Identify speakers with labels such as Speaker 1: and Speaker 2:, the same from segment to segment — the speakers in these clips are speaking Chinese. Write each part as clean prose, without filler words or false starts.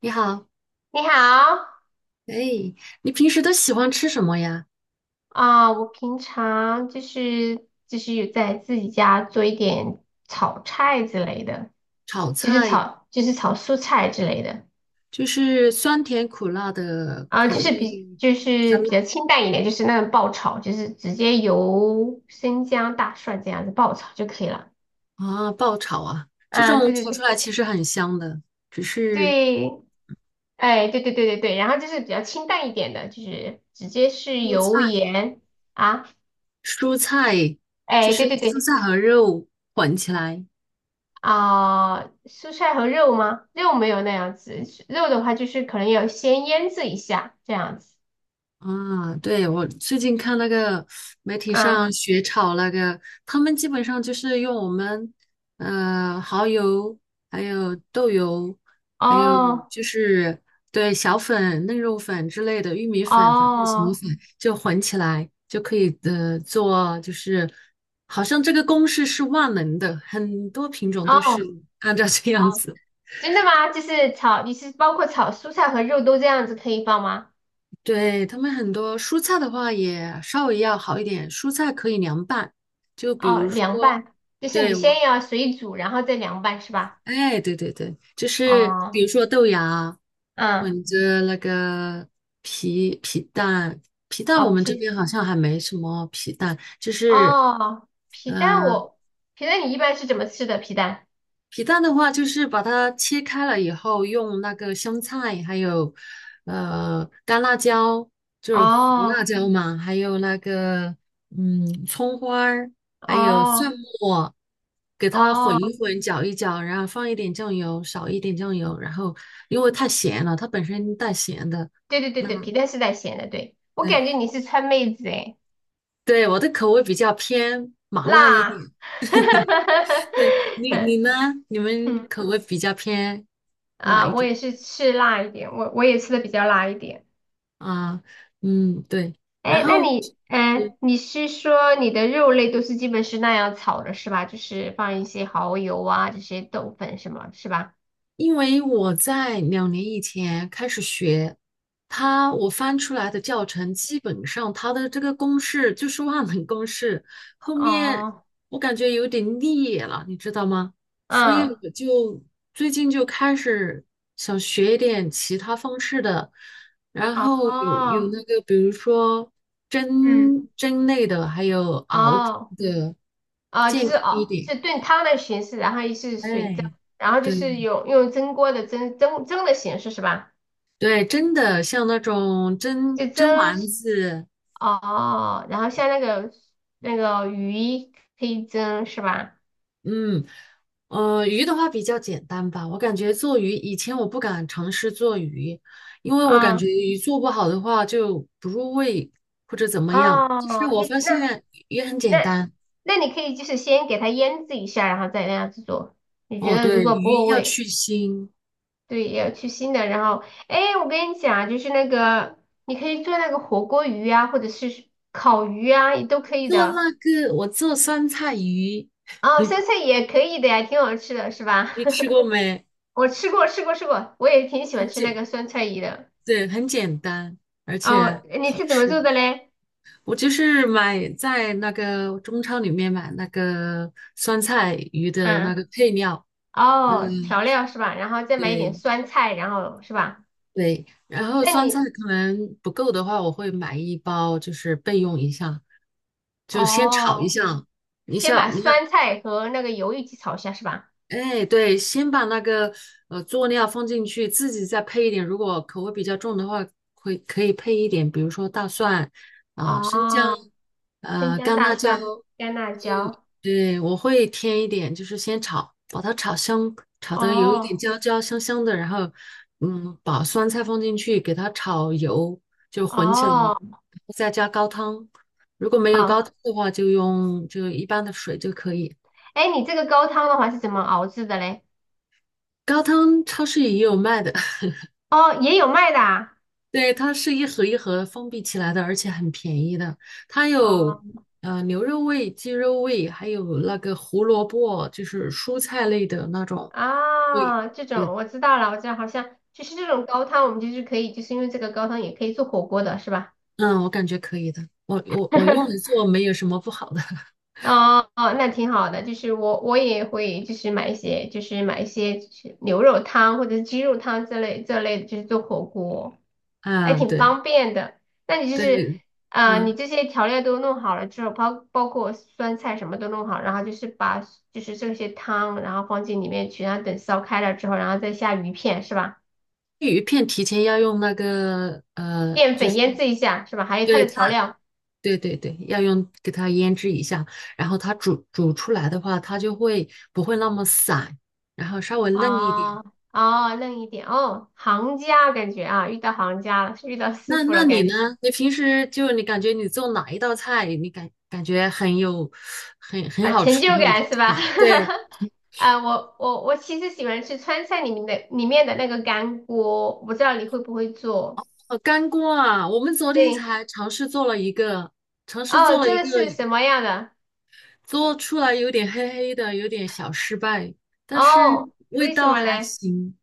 Speaker 1: 你好。
Speaker 2: 你好
Speaker 1: 哎，你平时都喜欢吃什么呀？
Speaker 2: 啊，我平常就是有在自己家做一点炒菜之类的，
Speaker 1: 炒
Speaker 2: 就是
Speaker 1: 菜，
Speaker 2: 炒就是炒蔬菜之类的
Speaker 1: 就是酸甜苦辣的
Speaker 2: 啊，
Speaker 1: 口
Speaker 2: 就是比
Speaker 1: 味。
Speaker 2: 就是比较清淡一点，就是那种爆炒，就是直接油、生姜、大蒜这样子爆炒就可以了。
Speaker 1: 啊，爆炒啊，这
Speaker 2: 啊，
Speaker 1: 种
Speaker 2: 对对
Speaker 1: 炒出
Speaker 2: 对
Speaker 1: 来其实很香的。只是
Speaker 2: 对，哎，对对对对对，然后就是比较清淡一点的，就是直接是
Speaker 1: 蔬
Speaker 2: 油
Speaker 1: 菜，
Speaker 2: 盐啊，
Speaker 1: 蔬菜，就
Speaker 2: 哎，
Speaker 1: 是
Speaker 2: 对对
Speaker 1: 蔬
Speaker 2: 对。
Speaker 1: 菜和肉混起来。
Speaker 2: 啊、蔬菜和肉吗？肉没有那样子，肉的话就是可能要先腌制一下这样子
Speaker 1: 啊，对，我最近看那个媒体
Speaker 2: 啊。
Speaker 1: 上学炒那个，他们基本上就是用我们蚝油，还有豆油，还有
Speaker 2: 哦
Speaker 1: 就是对小粉、嫩肉粉之类的玉米粉，粉，正什么
Speaker 2: 哦
Speaker 1: 粉，就混起来就可以做，就是好像这个公式是万能的，很多品种都是
Speaker 2: 哦
Speaker 1: 按照这样
Speaker 2: 哦，
Speaker 1: 子。
Speaker 2: 真的吗？就是炒，你是包括炒蔬菜和肉都这样子可以放吗？
Speaker 1: 对，他们很多蔬菜的话也稍微要好一点，蔬菜可以凉拌。就比
Speaker 2: 哦，
Speaker 1: 如
Speaker 2: 凉
Speaker 1: 说，
Speaker 2: 拌，就是
Speaker 1: 对，
Speaker 2: 你
Speaker 1: 我，
Speaker 2: 先要水煮，然后再凉拌是吧？
Speaker 1: 哎，对对对，就是
Speaker 2: 哦，
Speaker 1: 比如说豆芽
Speaker 2: 嗯，
Speaker 1: 混着那个皮蛋，皮蛋
Speaker 2: 哦
Speaker 1: 我们这
Speaker 2: 皮
Speaker 1: 边好像还没什么皮蛋，就是，
Speaker 2: 哦皮蛋
Speaker 1: 嗯。
Speaker 2: 我皮蛋你一般是怎么吃的皮蛋？
Speaker 1: 皮蛋的话，就是把它切开了以后，用那个香菜，还有干辣椒，就是胡辣
Speaker 2: 哦
Speaker 1: 椒嘛，还有那个葱花儿，还有蒜
Speaker 2: 哦
Speaker 1: 末，给它混一
Speaker 2: 哦。
Speaker 1: 混，搅一搅，然后放一点酱油，少一点酱油。然后因为太咸了，它本身带咸的。
Speaker 2: 对对对对，
Speaker 1: 嗯，
Speaker 2: 皮蛋是带咸的，对，我
Speaker 1: 对
Speaker 2: 感觉你是川妹子诶，
Speaker 1: 对，我的口味比较偏麻辣一
Speaker 2: 辣，
Speaker 1: 点。对，你 呢？你们
Speaker 2: 嗯
Speaker 1: 口味比较偏哪一
Speaker 2: 啊，我
Speaker 1: 种？
Speaker 2: 也是吃辣一点，我也吃的比较辣一点。
Speaker 1: 啊，嗯，对。然
Speaker 2: 哎，那
Speaker 1: 后，
Speaker 2: 你，
Speaker 1: 嗯，
Speaker 2: 你是说你的肉类都是基本是那样炒的是吧？就是放一些蚝油啊，这些豆粉什么，是吧？
Speaker 1: 因为我在2年以前开始学，我翻出来的教程，基本上它的这个公式就是万能公式。后面
Speaker 2: 哦，
Speaker 1: 我感觉有点腻了，你知道吗？所以
Speaker 2: 嗯，
Speaker 1: 我就最近就开始想学一点其他方式的，然后有
Speaker 2: 哦，
Speaker 1: 那个，比如说
Speaker 2: 嗯，
Speaker 1: 蒸类的，还有熬制
Speaker 2: 哦。
Speaker 1: 的，
Speaker 2: 啊、
Speaker 1: 健
Speaker 2: 就是
Speaker 1: 康
Speaker 2: 哦，
Speaker 1: 一点。
Speaker 2: 是炖汤的形式，然后也是水蒸，
Speaker 1: 哎，
Speaker 2: 然后就是
Speaker 1: 对
Speaker 2: 有用蒸锅的蒸的形式是吧？
Speaker 1: 对，真的像那种
Speaker 2: 就
Speaker 1: 蒸
Speaker 2: 蒸
Speaker 1: 丸子。
Speaker 2: 哦，然后像那个鱼可以蒸是吧？
Speaker 1: 嗯，鱼的话比较简单吧。我感觉做鱼，以前我不敢尝试做鱼，因为我感
Speaker 2: 啊、
Speaker 1: 觉鱼做不好的话就不入味或者怎么样。但是
Speaker 2: 哦，
Speaker 1: 我
Speaker 2: 你
Speaker 1: 发
Speaker 2: 那
Speaker 1: 现鱼很简
Speaker 2: 那
Speaker 1: 单。
Speaker 2: 那你可以就是先给它腌制一下，然后再那样子做。你觉
Speaker 1: 哦，
Speaker 2: 得如
Speaker 1: 对，
Speaker 2: 果不
Speaker 1: 鱼
Speaker 2: 够
Speaker 1: 要
Speaker 2: 味，
Speaker 1: 去腥。
Speaker 2: 对，也要去腥的。然后，哎，我跟你讲啊，就是那个你可以做那个火锅鱼啊，或者是烤鱼啊，也都可以
Speaker 1: 做
Speaker 2: 的。
Speaker 1: 那个我做酸菜鱼，
Speaker 2: 哦，酸菜也可以的呀，挺好吃的，是吧？
Speaker 1: 你吃 过没？
Speaker 2: 我吃过，吃过，吃过，我也挺喜
Speaker 1: 很
Speaker 2: 欢吃那
Speaker 1: 简，
Speaker 2: 个酸菜鱼的。
Speaker 1: 对，很简单，而且
Speaker 2: 哦，你
Speaker 1: 好
Speaker 2: 是怎么做
Speaker 1: 吃。
Speaker 2: 的嘞？
Speaker 1: 我就是买在那个中超里面买那个酸菜鱼的那
Speaker 2: 嗯，
Speaker 1: 个配料。嗯，
Speaker 2: 哦，调料是吧？然后再买一点
Speaker 1: 对
Speaker 2: 酸菜，然后是吧？
Speaker 1: 对。然后
Speaker 2: 那
Speaker 1: 酸菜
Speaker 2: 你
Speaker 1: 可能不够的话，我会买一包，就是备用一下，就先炒一
Speaker 2: 哦，
Speaker 1: 下。你
Speaker 2: 先
Speaker 1: 想，
Speaker 2: 把
Speaker 1: 你看，
Speaker 2: 酸菜和那个油一起炒一下是吧？
Speaker 1: 哎，对，先把那个佐料放进去，自己再配一点。如果口味比较重的话，可以配一点，比如说大蒜啊、生姜、
Speaker 2: 哦，生姜、
Speaker 1: 干
Speaker 2: 大
Speaker 1: 辣椒。
Speaker 2: 蒜、干辣
Speaker 1: 嗯，
Speaker 2: 椒。
Speaker 1: 对，我会添一点，就是先炒，把它炒香，炒得有一点
Speaker 2: 哦
Speaker 1: 焦焦香香的。然后把酸菜放进去，给它炒油，就混起来，然
Speaker 2: 哦，
Speaker 1: 后再加高汤。如果没有高
Speaker 2: 好。
Speaker 1: 汤的话，就用就一般的水就可以。
Speaker 2: 哎，你这个高汤的话是怎么熬制的嘞？
Speaker 1: 高汤超市也有卖的。
Speaker 2: 哦，也有卖的啊。
Speaker 1: 对，它是一盒一盒封闭起来的，而且很便宜的。它
Speaker 2: 哦。
Speaker 1: 有牛肉味、鸡肉味，还有那个胡萝卜，就是蔬菜类的那种味。
Speaker 2: 啊，这
Speaker 1: 对，
Speaker 2: 种我知道了，我知道，好像就是这种高汤，我们就是可以，就是因为这个高汤也可以做火锅的，是吧？
Speaker 1: 嗯，我感觉可以的。我用来 做没有什么不好的。
Speaker 2: 哦哦，那挺好的。就是我也会就是买一些就是牛肉汤或者是鸡肉汤这类的，就是做火锅，还
Speaker 1: 啊，
Speaker 2: 挺
Speaker 1: 对
Speaker 2: 方便的。那你就是
Speaker 1: 对。
Speaker 2: 啊，
Speaker 1: 嗯，
Speaker 2: 你这些调料都弄好了之后，包括酸菜什么都弄好，然后就是把就是这些汤，然后放进里面去，然后等烧开了之后，然后再下鱼片，是吧？
Speaker 1: 鱼片提前要用那个
Speaker 2: 淀
Speaker 1: 就
Speaker 2: 粉
Speaker 1: 是
Speaker 2: 腌制一下是吧？还有它
Speaker 1: 对
Speaker 2: 的
Speaker 1: 它，
Speaker 2: 调料
Speaker 1: 对对对，要用给它腌制一下，然后它煮出来的话，它就会不会那么散，然后稍微嫩一
Speaker 2: 啊
Speaker 1: 点。
Speaker 2: 哦，哦嫩一点哦，行家感觉啊，遇到行家了，是遇到师
Speaker 1: 那
Speaker 2: 傅
Speaker 1: 那
Speaker 2: 了
Speaker 1: 你
Speaker 2: 感
Speaker 1: 呢？
Speaker 2: 觉
Speaker 1: 你平时就你感觉你做哪一道菜，你感觉很有很
Speaker 2: 啊，
Speaker 1: 好
Speaker 2: 成
Speaker 1: 吃
Speaker 2: 就
Speaker 1: 的一种
Speaker 2: 感是吧？
Speaker 1: 菜。对，
Speaker 2: 啊，我其实喜欢吃川菜里面的那个干锅，我不知道你会不会做？
Speaker 1: 干锅啊，我们昨天
Speaker 2: 对，
Speaker 1: 才尝试做了一个，尝试做
Speaker 2: 哦，
Speaker 1: 了
Speaker 2: 这
Speaker 1: 一
Speaker 2: 个
Speaker 1: 个，
Speaker 2: 是什么样的？
Speaker 1: 做出来有点黑黑的，有点小失败，但是
Speaker 2: 哦，
Speaker 1: 味
Speaker 2: 为什
Speaker 1: 道
Speaker 2: 么
Speaker 1: 还
Speaker 2: 嘞？
Speaker 1: 行。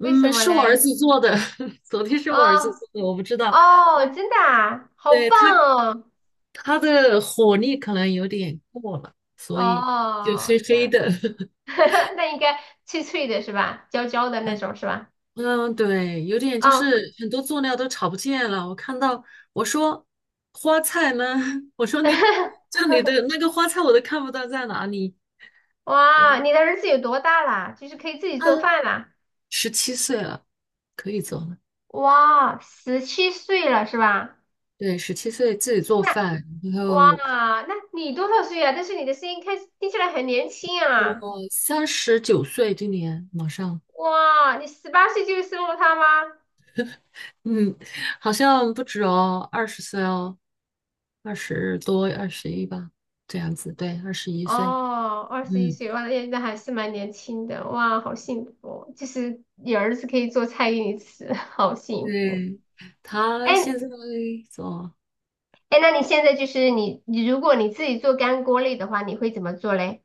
Speaker 2: 为什么
Speaker 1: 是我儿
Speaker 2: 嘞？
Speaker 1: 子做的。昨天是
Speaker 2: 哦
Speaker 1: 我儿子做的，我不知道。
Speaker 2: 哦，
Speaker 1: 嗯，
Speaker 2: 真的啊，好
Speaker 1: 对，
Speaker 2: 棒
Speaker 1: 他
Speaker 2: 哦！
Speaker 1: 他的火力可能有点过了，所以就黑
Speaker 2: 哦，这
Speaker 1: 黑
Speaker 2: 样。
Speaker 1: 的。
Speaker 2: 那应该脆脆的是吧？焦焦的那种是吧？
Speaker 1: 嗯，对，有点就
Speaker 2: 哦，
Speaker 1: 是很多佐料都炒不见了。我看到，我说花菜呢，我说你 就你的那个花菜我都看不到在哪里。嗯，
Speaker 2: 哇，你的儿子有多大啦？就是可以自己做
Speaker 1: 他
Speaker 2: 饭啦？
Speaker 1: 十七岁了，可以做了。
Speaker 2: 哇，十七岁了是吧？
Speaker 1: 对，十七岁自己做
Speaker 2: 那
Speaker 1: 饭。然
Speaker 2: 哇，
Speaker 1: 后
Speaker 2: 那你多少岁啊？但是你的声音听起来很年轻
Speaker 1: 我
Speaker 2: 啊！
Speaker 1: 39岁，今年马上。
Speaker 2: 哇，你十八岁就生了他吗？
Speaker 1: 嗯，好像不止哦，20岁哦，20多，二十一吧，这样子，对，21岁。
Speaker 2: 哦，二十一
Speaker 1: 嗯，
Speaker 2: 岁，哇，那还是蛮年轻的，哇，好幸福哦就是你儿子可以做菜给你吃，好幸福。
Speaker 1: 对，他
Speaker 2: 哎，
Speaker 1: 现在做。
Speaker 2: 哎，那你现在就是你如果你自己做干锅类的话，你会怎么做嘞？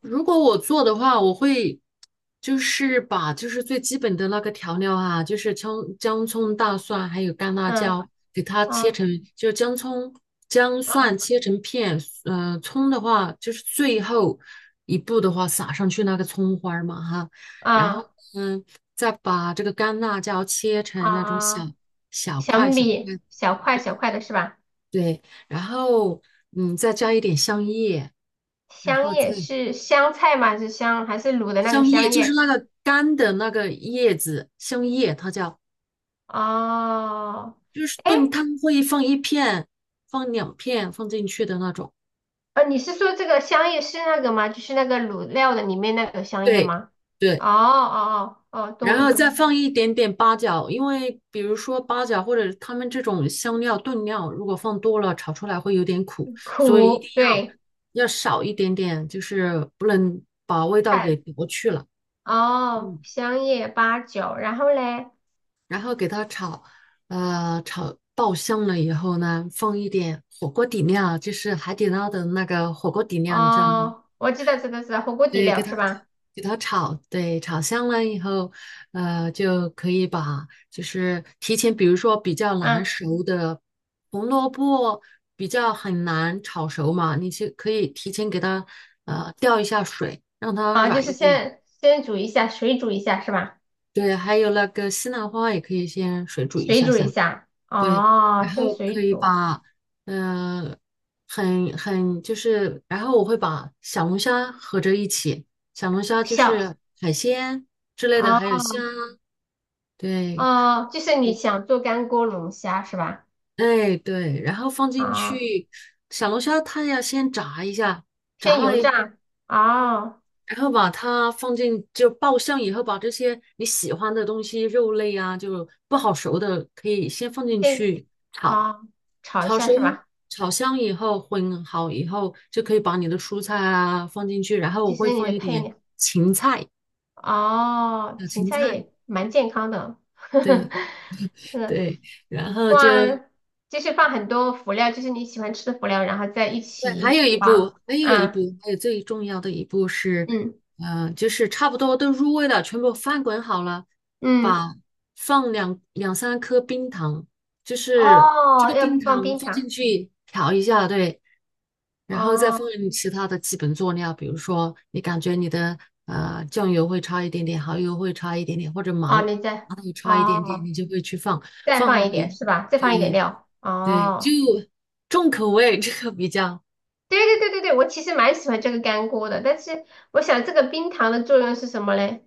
Speaker 1: 如果我做的话，我会就是把最基本的那个调料啊，就是葱、姜、葱、大蒜还有干辣
Speaker 2: 嗯，
Speaker 1: 椒，给它切
Speaker 2: 啊
Speaker 1: 成，就姜、葱、姜、蒜
Speaker 2: 啊
Speaker 1: 切成片。葱的话就是最后一步的话撒上去那个葱花儿嘛哈。然后
Speaker 2: 啊
Speaker 1: 嗯，再把这个干辣椒切成那种小
Speaker 2: 啊，
Speaker 1: 小块小块，
Speaker 2: 小块
Speaker 1: 对
Speaker 2: 小块的是吧？
Speaker 1: 对，然后再加一点香叶，然
Speaker 2: 香
Speaker 1: 后再。
Speaker 2: 叶是香菜吗？还是卤的那个
Speaker 1: 香叶
Speaker 2: 香
Speaker 1: 就是
Speaker 2: 叶？
Speaker 1: 那个干的那个叶子，香叶它叫，
Speaker 2: 哦，
Speaker 1: 就是
Speaker 2: 哎，
Speaker 1: 炖汤会放一片，放两片放进去的那种。
Speaker 2: 你是说这个香叶是那个吗？就是那个卤料的里面那个香叶
Speaker 1: 对
Speaker 2: 吗？哦
Speaker 1: 对，
Speaker 2: 哦哦哦，
Speaker 1: 然
Speaker 2: 懂
Speaker 1: 后
Speaker 2: 懂，
Speaker 1: 再放一点点八角。因为比如说八角或者他们这种香料炖料，如果放多了炒出来会有点苦，所以一定
Speaker 2: 苦，
Speaker 1: 要
Speaker 2: 对，
Speaker 1: 要少一点点，就是不能把味道给
Speaker 2: 看，
Speaker 1: 夺去了。
Speaker 2: 哦，
Speaker 1: 嗯。
Speaker 2: 香叶八角，然后嘞。
Speaker 1: 然后给它炒，炒爆香了以后呢，放一点火锅底料，就是海底捞的那个火锅底料，你知道吗？嗯，
Speaker 2: 哦，我知道，知道，知道，火锅底
Speaker 1: 对，给
Speaker 2: 料
Speaker 1: 它
Speaker 2: 是吧？
Speaker 1: 给它炒。对，炒香了以后，就可以把就是提前，比如说比较难
Speaker 2: 嗯，
Speaker 1: 熟的红萝卜，比较很难炒熟嘛，你就可以提前给它吊一下水，让它
Speaker 2: 啊，就
Speaker 1: 软
Speaker 2: 是
Speaker 1: 一点。
Speaker 2: 先煮一下，水煮一下是吧？
Speaker 1: 对，还有那个西兰花也可以先水煮一
Speaker 2: 水
Speaker 1: 下
Speaker 2: 煮一
Speaker 1: 下。
Speaker 2: 下，
Speaker 1: 对，
Speaker 2: 哦，
Speaker 1: 然
Speaker 2: 先
Speaker 1: 后
Speaker 2: 水
Speaker 1: 可以
Speaker 2: 煮，
Speaker 1: 把，呃，很就是，然后我会把小龙虾合着一起。小龙虾就
Speaker 2: 小，
Speaker 1: 是海鲜之类的，还有
Speaker 2: 哦
Speaker 1: 虾。对，
Speaker 2: 哦，就是你想做干锅龙虾是吧？
Speaker 1: 哎对，然后放进
Speaker 2: 啊、
Speaker 1: 去。小龙虾它要先炸一下，炸
Speaker 2: 先
Speaker 1: 了
Speaker 2: 油
Speaker 1: 以后，
Speaker 2: 炸，哦，
Speaker 1: 然后把它放进就爆香以后，把这些你喜欢的东西，肉类啊，就不好熟的可以先放进
Speaker 2: 先
Speaker 1: 去炒。
Speaker 2: 哦，炒一
Speaker 1: 炒
Speaker 2: 下
Speaker 1: 熟、
Speaker 2: 是吧？
Speaker 1: 炒香以后，混好以后，就可以把你的蔬菜啊放进去。然后
Speaker 2: 就
Speaker 1: 我会
Speaker 2: 是你
Speaker 1: 放
Speaker 2: 的
Speaker 1: 一
Speaker 2: 配
Speaker 1: 点
Speaker 2: 料，
Speaker 1: 芹菜，
Speaker 2: 哦，
Speaker 1: 小
Speaker 2: 芹
Speaker 1: 芹
Speaker 2: 菜
Speaker 1: 菜。
Speaker 2: 也蛮健康的，
Speaker 1: 对
Speaker 2: 是
Speaker 1: 对，然后就
Speaker 2: 哇，就是放很多辅料，就是你喜欢吃的辅料，然后在一
Speaker 1: 对，还
Speaker 2: 起
Speaker 1: 有一步，
Speaker 2: 放，
Speaker 1: 还有一步，
Speaker 2: 啊，
Speaker 1: 还有最重要的一步是，
Speaker 2: 嗯
Speaker 1: 就是差不多都入味了，全部翻滚好了，
Speaker 2: 嗯，
Speaker 1: 把放两三颗冰糖，就是这
Speaker 2: 哦，
Speaker 1: 个
Speaker 2: 要
Speaker 1: 冰糖
Speaker 2: 放冰
Speaker 1: 放
Speaker 2: 糖，
Speaker 1: 进去调一下。对，然后再放
Speaker 2: 哦
Speaker 1: 其他的基本佐料，比如说你感觉你的酱油会差一点点，蚝油会差一点点，或者麻
Speaker 2: 哦，你
Speaker 1: 麻豆差一点点，
Speaker 2: 哦
Speaker 1: 你就会去放，
Speaker 2: 再
Speaker 1: 放
Speaker 2: 放
Speaker 1: 好
Speaker 2: 一点
Speaker 1: 没？
Speaker 2: 是吧？再放一点
Speaker 1: 对
Speaker 2: 料，
Speaker 1: 对，就
Speaker 2: 哦，
Speaker 1: 重口味，这个比较。
Speaker 2: 对对对对对，我其实蛮喜欢这个干锅的，但是我想这个冰糖的作用是什么嘞？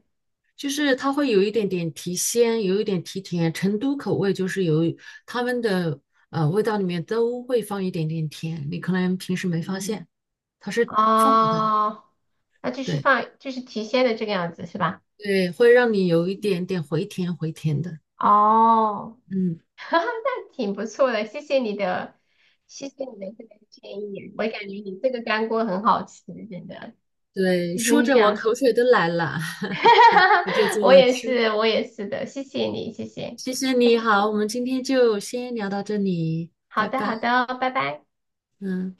Speaker 1: 就是它会有一点点提鲜，有一点提甜。成都口味就是有他们的味道里面都会放一点点甜，你可能平时没发现，它是放了的。
Speaker 2: 哦，那就是
Speaker 1: 对
Speaker 2: 放就是提鲜的这个样子是吧？
Speaker 1: 对，会让你有一点点回甜回甜的。
Speaker 2: 哦，
Speaker 1: 嗯，
Speaker 2: 哈哈，那挺不错的，谢谢你的，这个建议，我感觉你这个干锅很好吃，真的，
Speaker 1: 对，
Speaker 2: 谢谢
Speaker 1: 说
Speaker 2: 你
Speaker 1: 着我
Speaker 2: 讲，
Speaker 1: 口水都来了。我就 做
Speaker 2: 我
Speaker 1: 来
Speaker 2: 也
Speaker 1: 吃。
Speaker 2: 是，我也是的，谢谢你，谢谢，
Speaker 1: 谢谢你好，我们今天就先聊到这里，拜
Speaker 2: 好的，好
Speaker 1: 拜。
Speaker 2: 的哦，拜拜。
Speaker 1: 嗯。